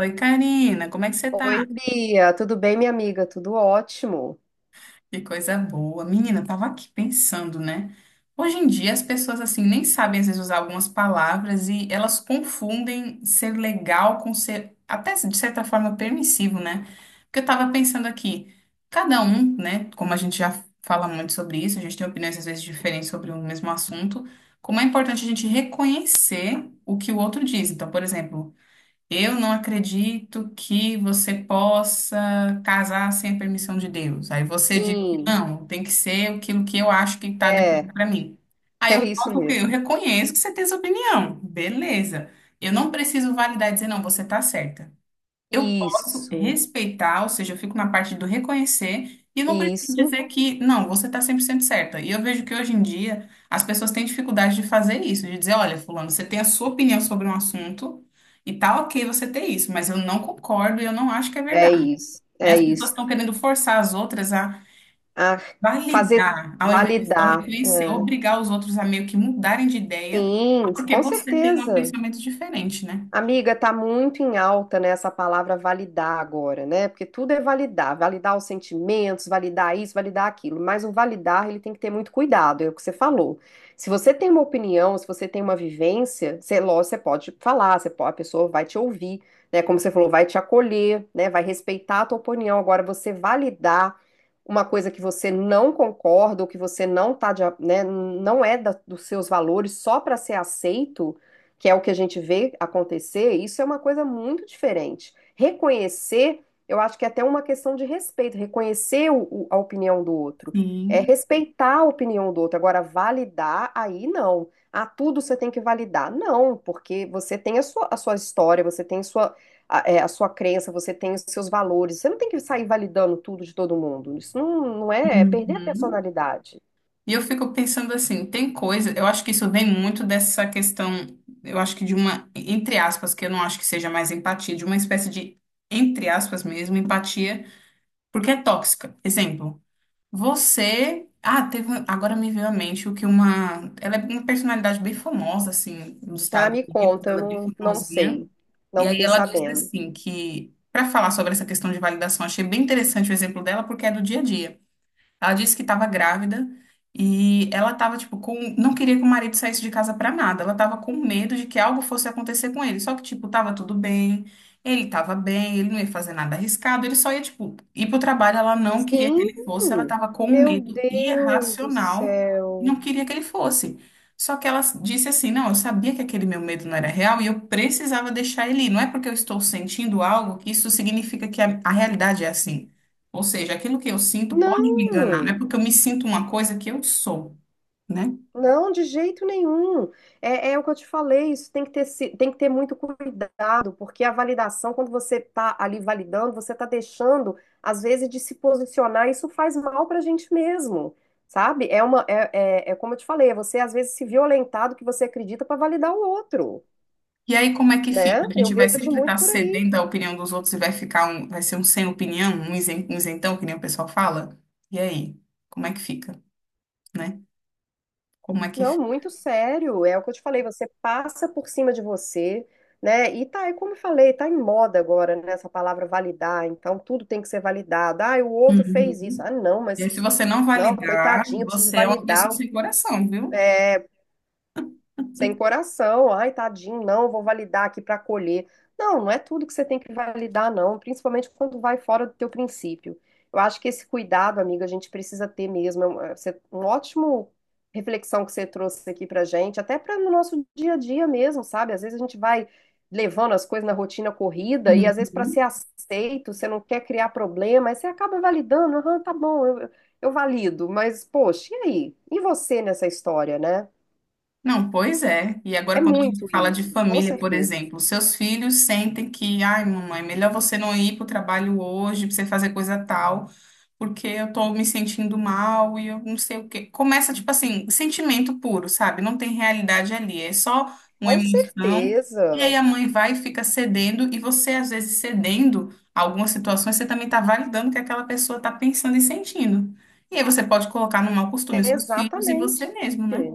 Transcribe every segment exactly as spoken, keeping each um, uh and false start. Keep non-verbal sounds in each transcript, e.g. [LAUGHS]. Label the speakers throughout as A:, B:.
A: Oi, Karina, como é que você
B: Oi,
A: tá?
B: Bia, tudo bem, minha amiga? Tudo ótimo.
A: Que coisa boa. Menina, eu tava aqui pensando, né? Hoje em dia as pessoas assim nem sabem às vezes usar algumas palavras e elas confundem ser legal com ser até de certa forma permissivo, né? Porque eu tava pensando aqui, cada um, né, como a gente já fala muito sobre isso, a gente tem opiniões às vezes diferentes sobre o mesmo assunto, como é importante a gente reconhecer o que o outro diz. Então, por exemplo, eu não acredito que você possa casar sem a permissão de Deus. Aí você diz,
B: Sim,
A: não, tem que ser aquilo que eu acho que está
B: é,
A: definido para mim.
B: [LAUGHS]
A: Aí
B: é
A: eu
B: isso
A: posso, o quê? Eu
B: mesmo.
A: reconheço que você tem essa opinião. Beleza. Eu não preciso validar e dizer, não, você está certa. Eu posso
B: Isso,
A: respeitar, ou seja, eu fico na parte do reconhecer e não preciso
B: isso,
A: dizer que, não, você está cem por cento certa. E eu vejo que hoje em dia as pessoas têm dificuldade de fazer isso, de dizer, olha, fulano, você tem a sua opinião sobre um assunto e tá ok você ter isso, mas eu não concordo e eu não acho que é
B: é
A: verdade,
B: isso,
A: né?
B: é
A: As pessoas
B: isso.
A: estão querendo forçar as outras a
B: Ah, fazer
A: validar, ao invés de só
B: validar.
A: reconhecer, obrigar os outros a meio que mudarem de ideia,
B: Sim,
A: porque
B: com
A: você tem um
B: certeza.
A: pensamento diferente, né?
B: Amiga, tá muito em alta, né, essa palavra validar agora, né? Porque tudo é validar, validar os sentimentos, validar isso, validar aquilo. Mas o validar, ele tem que ter muito cuidado, é o que você falou. Se você tem uma opinião, se você tem uma vivência, você, lógico, você pode falar, você pode- a pessoa vai te ouvir, né? Como você falou, vai te acolher, né? Vai respeitar a tua opinião. Agora, você validar uma coisa que você não concorda ou que você não tá de a- né, não é da- dos seus valores só para ser aceito, que é o que a gente vê acontecer. Isso é uma coisa muito diferente. Reconhecer, eu acho que é até uma questão de respeito, reconhecer o- o- a opinião do outro, é
A: Sim.
B: respeitar a opinião do outro. Agora, validar, aí não. Ah, tudo você tem que validar. Não, porque você tem a sua, a sua história, você tem sua, a, é, a sua crença, você tem os seus valores. Você não tem que sair validando tudo de todo mundo. Isso não, não é, é perder a
A: Uhum.
B: personalidade.
A: E eu fico pensando assim, tem coisa, eu acho que isso vem muito dessa questão, eu acho que de uma, entre aspas, que eu não acho que seja mais empatia, de uma espécie de, entre aspas mesmo, empatia, porque é tóxica. Exemplo, você, ah, teve, um, agora me veio à mente o que uma, ela é uma personalidade bem famosa, assim, nos
B: Ah,
A: Estados
B: me
A: Unidos,
B: conta, eu
A: ela é bem
B: não, não
A: famosinha,
B: sei. Não
A: e aí
B: fiquei
A: ela disse
B: sabendo.
A: assim, que, para falar sobre essa questão de validação, achei bem interessante o exemplo dela, porque é do dia a dia. Ela disse que estava grávida e ela estava, tipo, com. Não queria que o marido saísse de casa para nada. Ela estava com medo de que algo fosse acontecer com ele. Só que, tipo, tava tudo bem, ele estava bem, ele não ia fazer nada arriscado, ele só ia, tipo, ir pro trabalho. Ela não queria que
B: Sim,
A: ele fosse, ela estava com
B: meu
A: medo
B: Deus do
A: irracional, não
B: céu.
A: queria que ele fosse. Só que ela disse assim: não, eu sabia que aquele meu medo não era real e eu precisava deixar ele ir. Não é porque eu estou sentindo algo que isso significa que a a realidade é assim. Ou seja, aquilo que eu sinto pode me enganar, não é
B: Não,
A: porque eu me sinto uma coisa que eu sou, né?
B: não, de jeito nenhum. É, é o que eu te falei, isso tem que ter, se- tem que ter muito cuidado, porque a validação, quando você está ali validando, você está deixando, às vezes, de se posicionar. Isso faz mal para a gente mesmo, sabe? É uma, é, é, é como eu te falei, é você às vezes se violentar do que você acredita para validar o outro,
A: E aí como é que fica?
B: né?
A: A
B: Eu
A: gente vai
B: vejo
A: sempre
B: muito
A: estar
B: por aí.
A: cedendo à opinião dos outros e vai ficar um, vai ser um sem opinião, um isen- um isentão, que nem o pessoal fala? E aí, como é que fica, né? Como é que
B: Não,
A: fica?
B: muito sério. É o que eu te falei, você passa por cima de você, né? E tá, e como eu falei, tá em moda agora, né, essa palavra validar. Então tudo tem que ser validado. Ah, o outro fez isso.
A: Uhum.
B: Ah, não,
A: E aí,
B: mas
A: se você não
B: não,
A: validar,
B: coitadinho, eu preciso
A: você é uma pessoa
B: validar.
A: sem coração, viu?
B: É, sem coração, ai, tadinho, não, vou validar aqui para acolher. Não, não é tudo que você tem que validar, não, principalmente quando vai fora do teu princípio. Eu acho que esse cuidado, amiga, a gente precisa ter mesmo. É um é, você- um ótimo reflexão que você trouxe aqui pra gente, até para no nosso dia a dia mesmo, sabe? Às vezes a gente vai levando as coisas na rotina corrida e, às vezes, para ser
A: Uhum.
B: aceito, você não quer criar problema, aí você acaba validando, aham, tá bom, eu, eu valido, mas poxa, e aí? E você nessa história, né?
A: Não, pois é. E
B: É
A: agora, quando a gente
B: muito
A: fala de
B: isso, com
A: família, por
B: certeza.
A: exemplo, seus filhos sentem que, ai, mamãe, melhor você não ir para o trabalho hoje, para você fazer coisa tal, porque eu tô me sentindo mal e eu não sei o quê. Começa, tipo assim, sentimento puro, sabe? Não tem realidade ali, é só uma
B: Com
A: emoção. E aí
B: certeza.
A: a mãe vai e fica cedendo, e você, às vezes, cedendo a algumas situações, você também está validando o que aquela pessoa está pensando e sentindo. E aí você pode colocar no mau costume os
B: É
A: seus filhos e você
B: exatamente.
A: mesmo, né?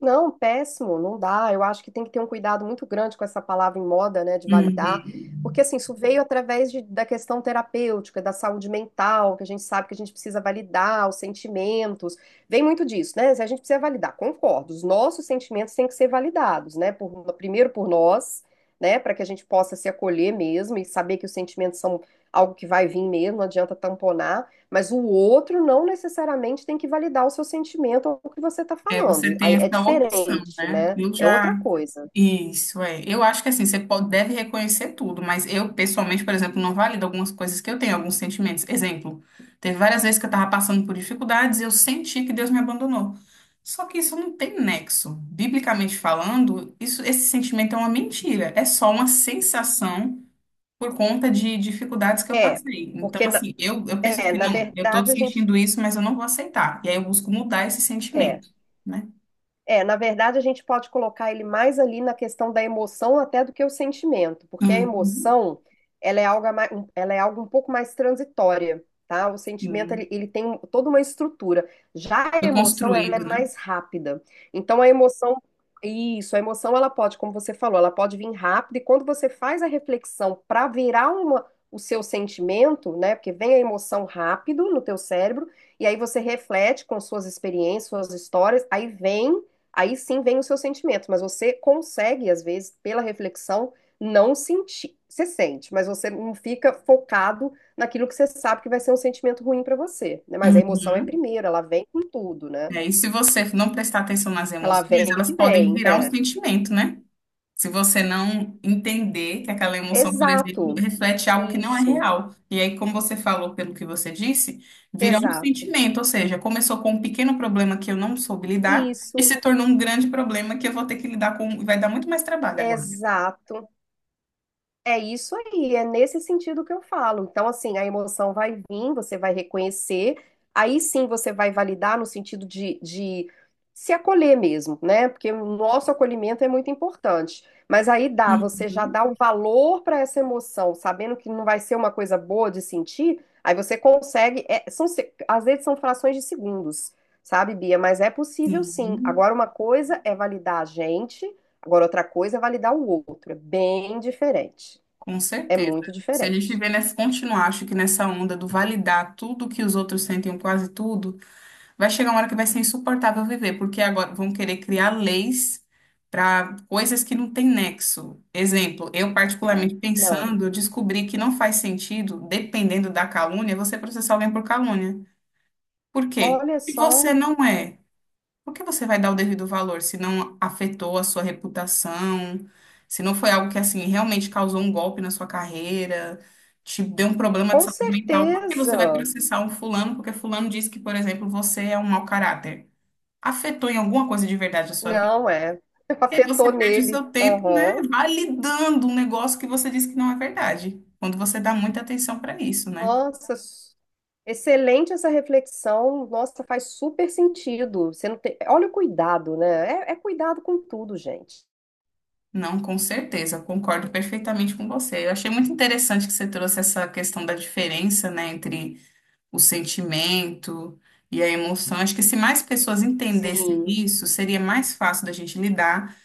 B: Não, péssimo, não dá. Eu acho que tem que ter um cuidado muito grande com essa palavra em moda, né, de validar, porque
A: Uhum.
B: assim, isso veio através de- da questão terapêutica, da saúde mental, que a gente sabe que a gente precisa validar os sentimentos. Vem muito disso, né? Se a gente precisa validar, concordo. Os nossos sentimentos têm que ser validados, né? por- primeiro por nós, né, para que a gente possa se acolher mesmo e saber que os sentimentos são algo que vai vir mesmo. Não adianta tamponar. Mas o outro não necessariamente tem que validar o seu sentimento ou o que você está
A: É,
B: falando.
A: você tem
B: Aí é
A: essa opção,
B: diferente,
A: né?
B: né?
A: Eu
B: É
A: já.
B: outra coisa.
A: Isso, é. Eu acho que assim, você pode, deve reconhecer tudo, mas eu, pessoalmente, por exemplo, não valido algumas coisas que eu tenho, alguns sentimentos. Exemplo, teve várias vezes que eu estava passando por dificuldades e eu senti que Deus me abandonou. Só que isso não tem nexo. Biblicamente falando, isso, esse sentimento é uma mentira. É só uma sensação por conta de dificuldades que eu
B: É,
A: passei. Então,
B: porque na,
A: assim, eu, eu penso
B: é,
A: assim,
B: na
A: não, eu estou
B: verdade a gente.
A: sentindo isso, mas eu não vou aceitar. E aí eu busco mudar esse
B: É,
A: sentimento, né?
B: É, na verdade, a gente pode colocar ele mais ali na questão da emoção até do que o sentimento, porque a
A: Uhum,
B: emoção, ela é algo, a mai- ela é algo um pouco mais transitória, tá? O sentimento,
A: sim.
B: ele, ele tem toda uma estrutura. Já a
A: Foi
B: emoção, ela é
A: construído, né?
B: mais rápida. Então, a emoção, isso, a emoção, ela pode, como você falou, ela pode vir rápida, e quando você faz a reflexão para virar uma, o seu sentimento, né? Porque vem a emoção rápido no teu cérebro, e aí você reflete com suas experiências, suas histórias, aí vem Aí sim vem o seu sentimento, mas você consegue, às vezes, pela reflexão, não sentir. Você sente, mas você não fica focado naquilo que você sabe que vai ser um sentimento ruim pra você, né? Mas a emoção é
A: Uhum.
B: primeiro, ela vem com tudo,
A: É,
B: né?
A: e aí, se você não prestar atenção nas
B: Ela
A: emoções,
B: vem
A: elas
B: que
A: podem
B: vem. [LAUGHS]
A: virar um
B: É.
A: sentimento, né? Se você não entender que aquela emoção, por exemplo,
B: Exato.
A: reflete algo que não é
B: Isso.
A: real. E aí, como você falou, pelo que você disse, vira um
B: Exato.
A: sentimento, ou seja, começou com um pequeno problema que eu não soube lidar e
B: Isso.
A: se tornou um grande problema que eu vou ter que lidar com, e vai dar muito mais trabalho agora.
B: Exato. É isso aí, é nesse sentido que eu falo. Então, assim, a emoção vai vir, você vai reconhecer, aí sim você vai validar no sentido de, de se acolher mesmo, né? Porque o nosso acolhimento é muito importante. Mas aí dá, você já
A: Uhum,
B: dá o valor para essa emoção, sabendo que não vai ser uma coisa boa de sentir, aí você consegue. É, são, se- às vezes são frações de segundos, sabe, Bia? Mas é possível sim.
A: sim,
B: Agora, uma coisa é validar a gente. Agora, outra coisa é validar o outro, é bem diferente.
A: com
B: É
A: certeza.
B: muito
A: Se a gente
B: diferente.
A: viver nessa, continuar, acho que nessa onda do validar tudo que os outros sentem, ou quase tudo, vai chegar uma hora que vai ser insuportável viver, porque agora vão querer criar leis para coisas que não têm nexo. Exemplo, eu
B: É.
A: particularmente
B: Não.
A: pensando, eu descobri que não faz sentido, dependendo da calúnia, você processar alguém por calúnia. Por quê?
B: Olha
A: Se você
B: só.
A: não é, por que você vai dar o devido valor se não afetou a sua reputação, se não foi algo que assim realmente causou um golpe na sua carreira? Te deu um problema de
B: Com
A: saúde mental, por que você vai
B: certeza.
A: processar um fulano? Porque fulano disse que, por exemplo, você é um mau caráter afetou em alguma coisa de verdade a sua vida,
B: Não, é. [LAUGHS]
A: e aí você
B: Afetou
A: perde o
B: nele.
A: seu tempo, né,
B: Aham.
A: validando um negócio que você disse que não é verdade. Quando você dá muita atenção para isso, né?
B: Nossa, s- excelente essa reflexão. Nossa, faz super sentido. Você não tem... Olha o cuidado, né? É, é cuidado com tudo, gente.
A: Não, com certeza, concordo perfeitamente com você. Eu achei muito interessante que você trouxe essa questão da diferença, né, entre o sentimento e a emoção. Acho que se mais pessoas entendessem
B: Sim,
A: isso, seria mais fácil da gente lidar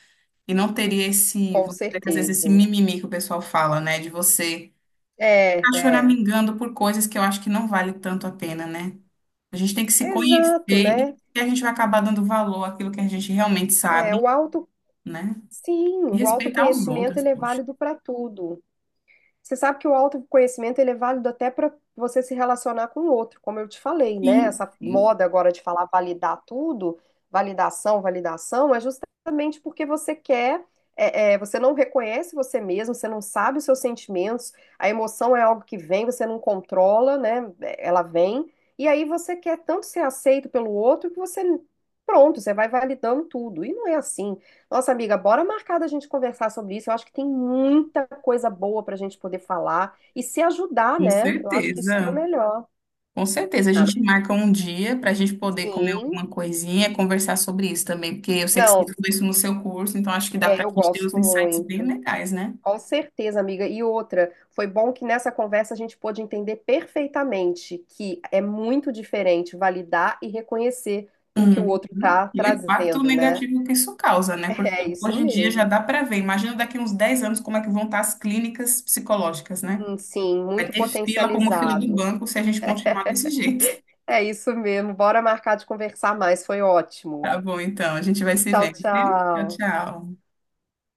A: e não teria esse,
B: com
A: vamos dizer que às vezes esse
B: certeza.
A: mimimi que o pessoal fala, né, de você
B: É,
A: ficar
B: é.
A: choramingando por coisas que eu acho que não vale tanto a pena, né? A gente tem que se conhecer
B: Exato,
A: e
B: né?
A: a gente vai acabar dando valor àquilo que a gente realmente
B: É,
A: sabe,
B: o auto...
A: né?
B: Sim,
A: E
B: o
A: respeitar os
B: autoconhecimento
A: outros,
B: ele é
A: poxa.
B: válido para tudo. Você sabe que o autoconhecimento ele é válido até para você se relacionar com o outro, como eu te falei, né?
A: Sim,
B: Essa
A: sim,
B: moda agora de falar validar tudo, validação, validação, é justamente porque você quer, é, é, você não reconhece você mesmo, você não sabe os seus sentimentos, a emoção é algo que vem, você não controla, né? É, Ela vem, e aí você quer tanto ser aceito pelo outro que você, pronto, você vai validando tudo. E não é assim. Nossa, amiga, bora marcar da gente conversar sobre isso. Eu acho que tem muita coisa boa para a gente poder falar e se ajudar,
A: com
B: né? Eu acho que isso que é o
A: certeza.
B: melhor.
A: Com certeza. A
B: Ah,
A: gente marca um dia para a gente poder comer
B: sim.
A: alguma coisinha, conversar sobre isso também, porque eu sei que você
B: Não,
A: estudou isso no seu curso, então acho que dá
B: é,
A: para
B: eu
A: a gente ter uns
B: gosto
A: insights bem
B: muito.
A: legais, né?
B: Com certeza, amiga. E outra, foi bom que nessa conversa a gente pôde entender perfeitamente que é muito diferente validar e reconhecer o que o outro
A: Uhum.
B: está
A: E o impacto
B: trazendo, né?
A: negativo que isso causa,
B: [LAUGHS]
A: né? Porque
B: É isso
A: hoje em dia já
B: mesmo.
A: dá para ver. Imagina daqui uns dez anos como é que vão estar as clínicas psicológicas, né?
B: Hum, Sim,
A: Vai
B: muito
A: ter fila como fila do
B: potencializado.
A: banco se a gente continuar desse jeito. [LAUGHS]
B: É isso mesmo. Bora marcar de conversar mais. Foi ótimo.
A: Tá bom, então, a gente vai se
B: Tchau,
A: vendo, viu? Tchau,
B: tchau.
A: tchau.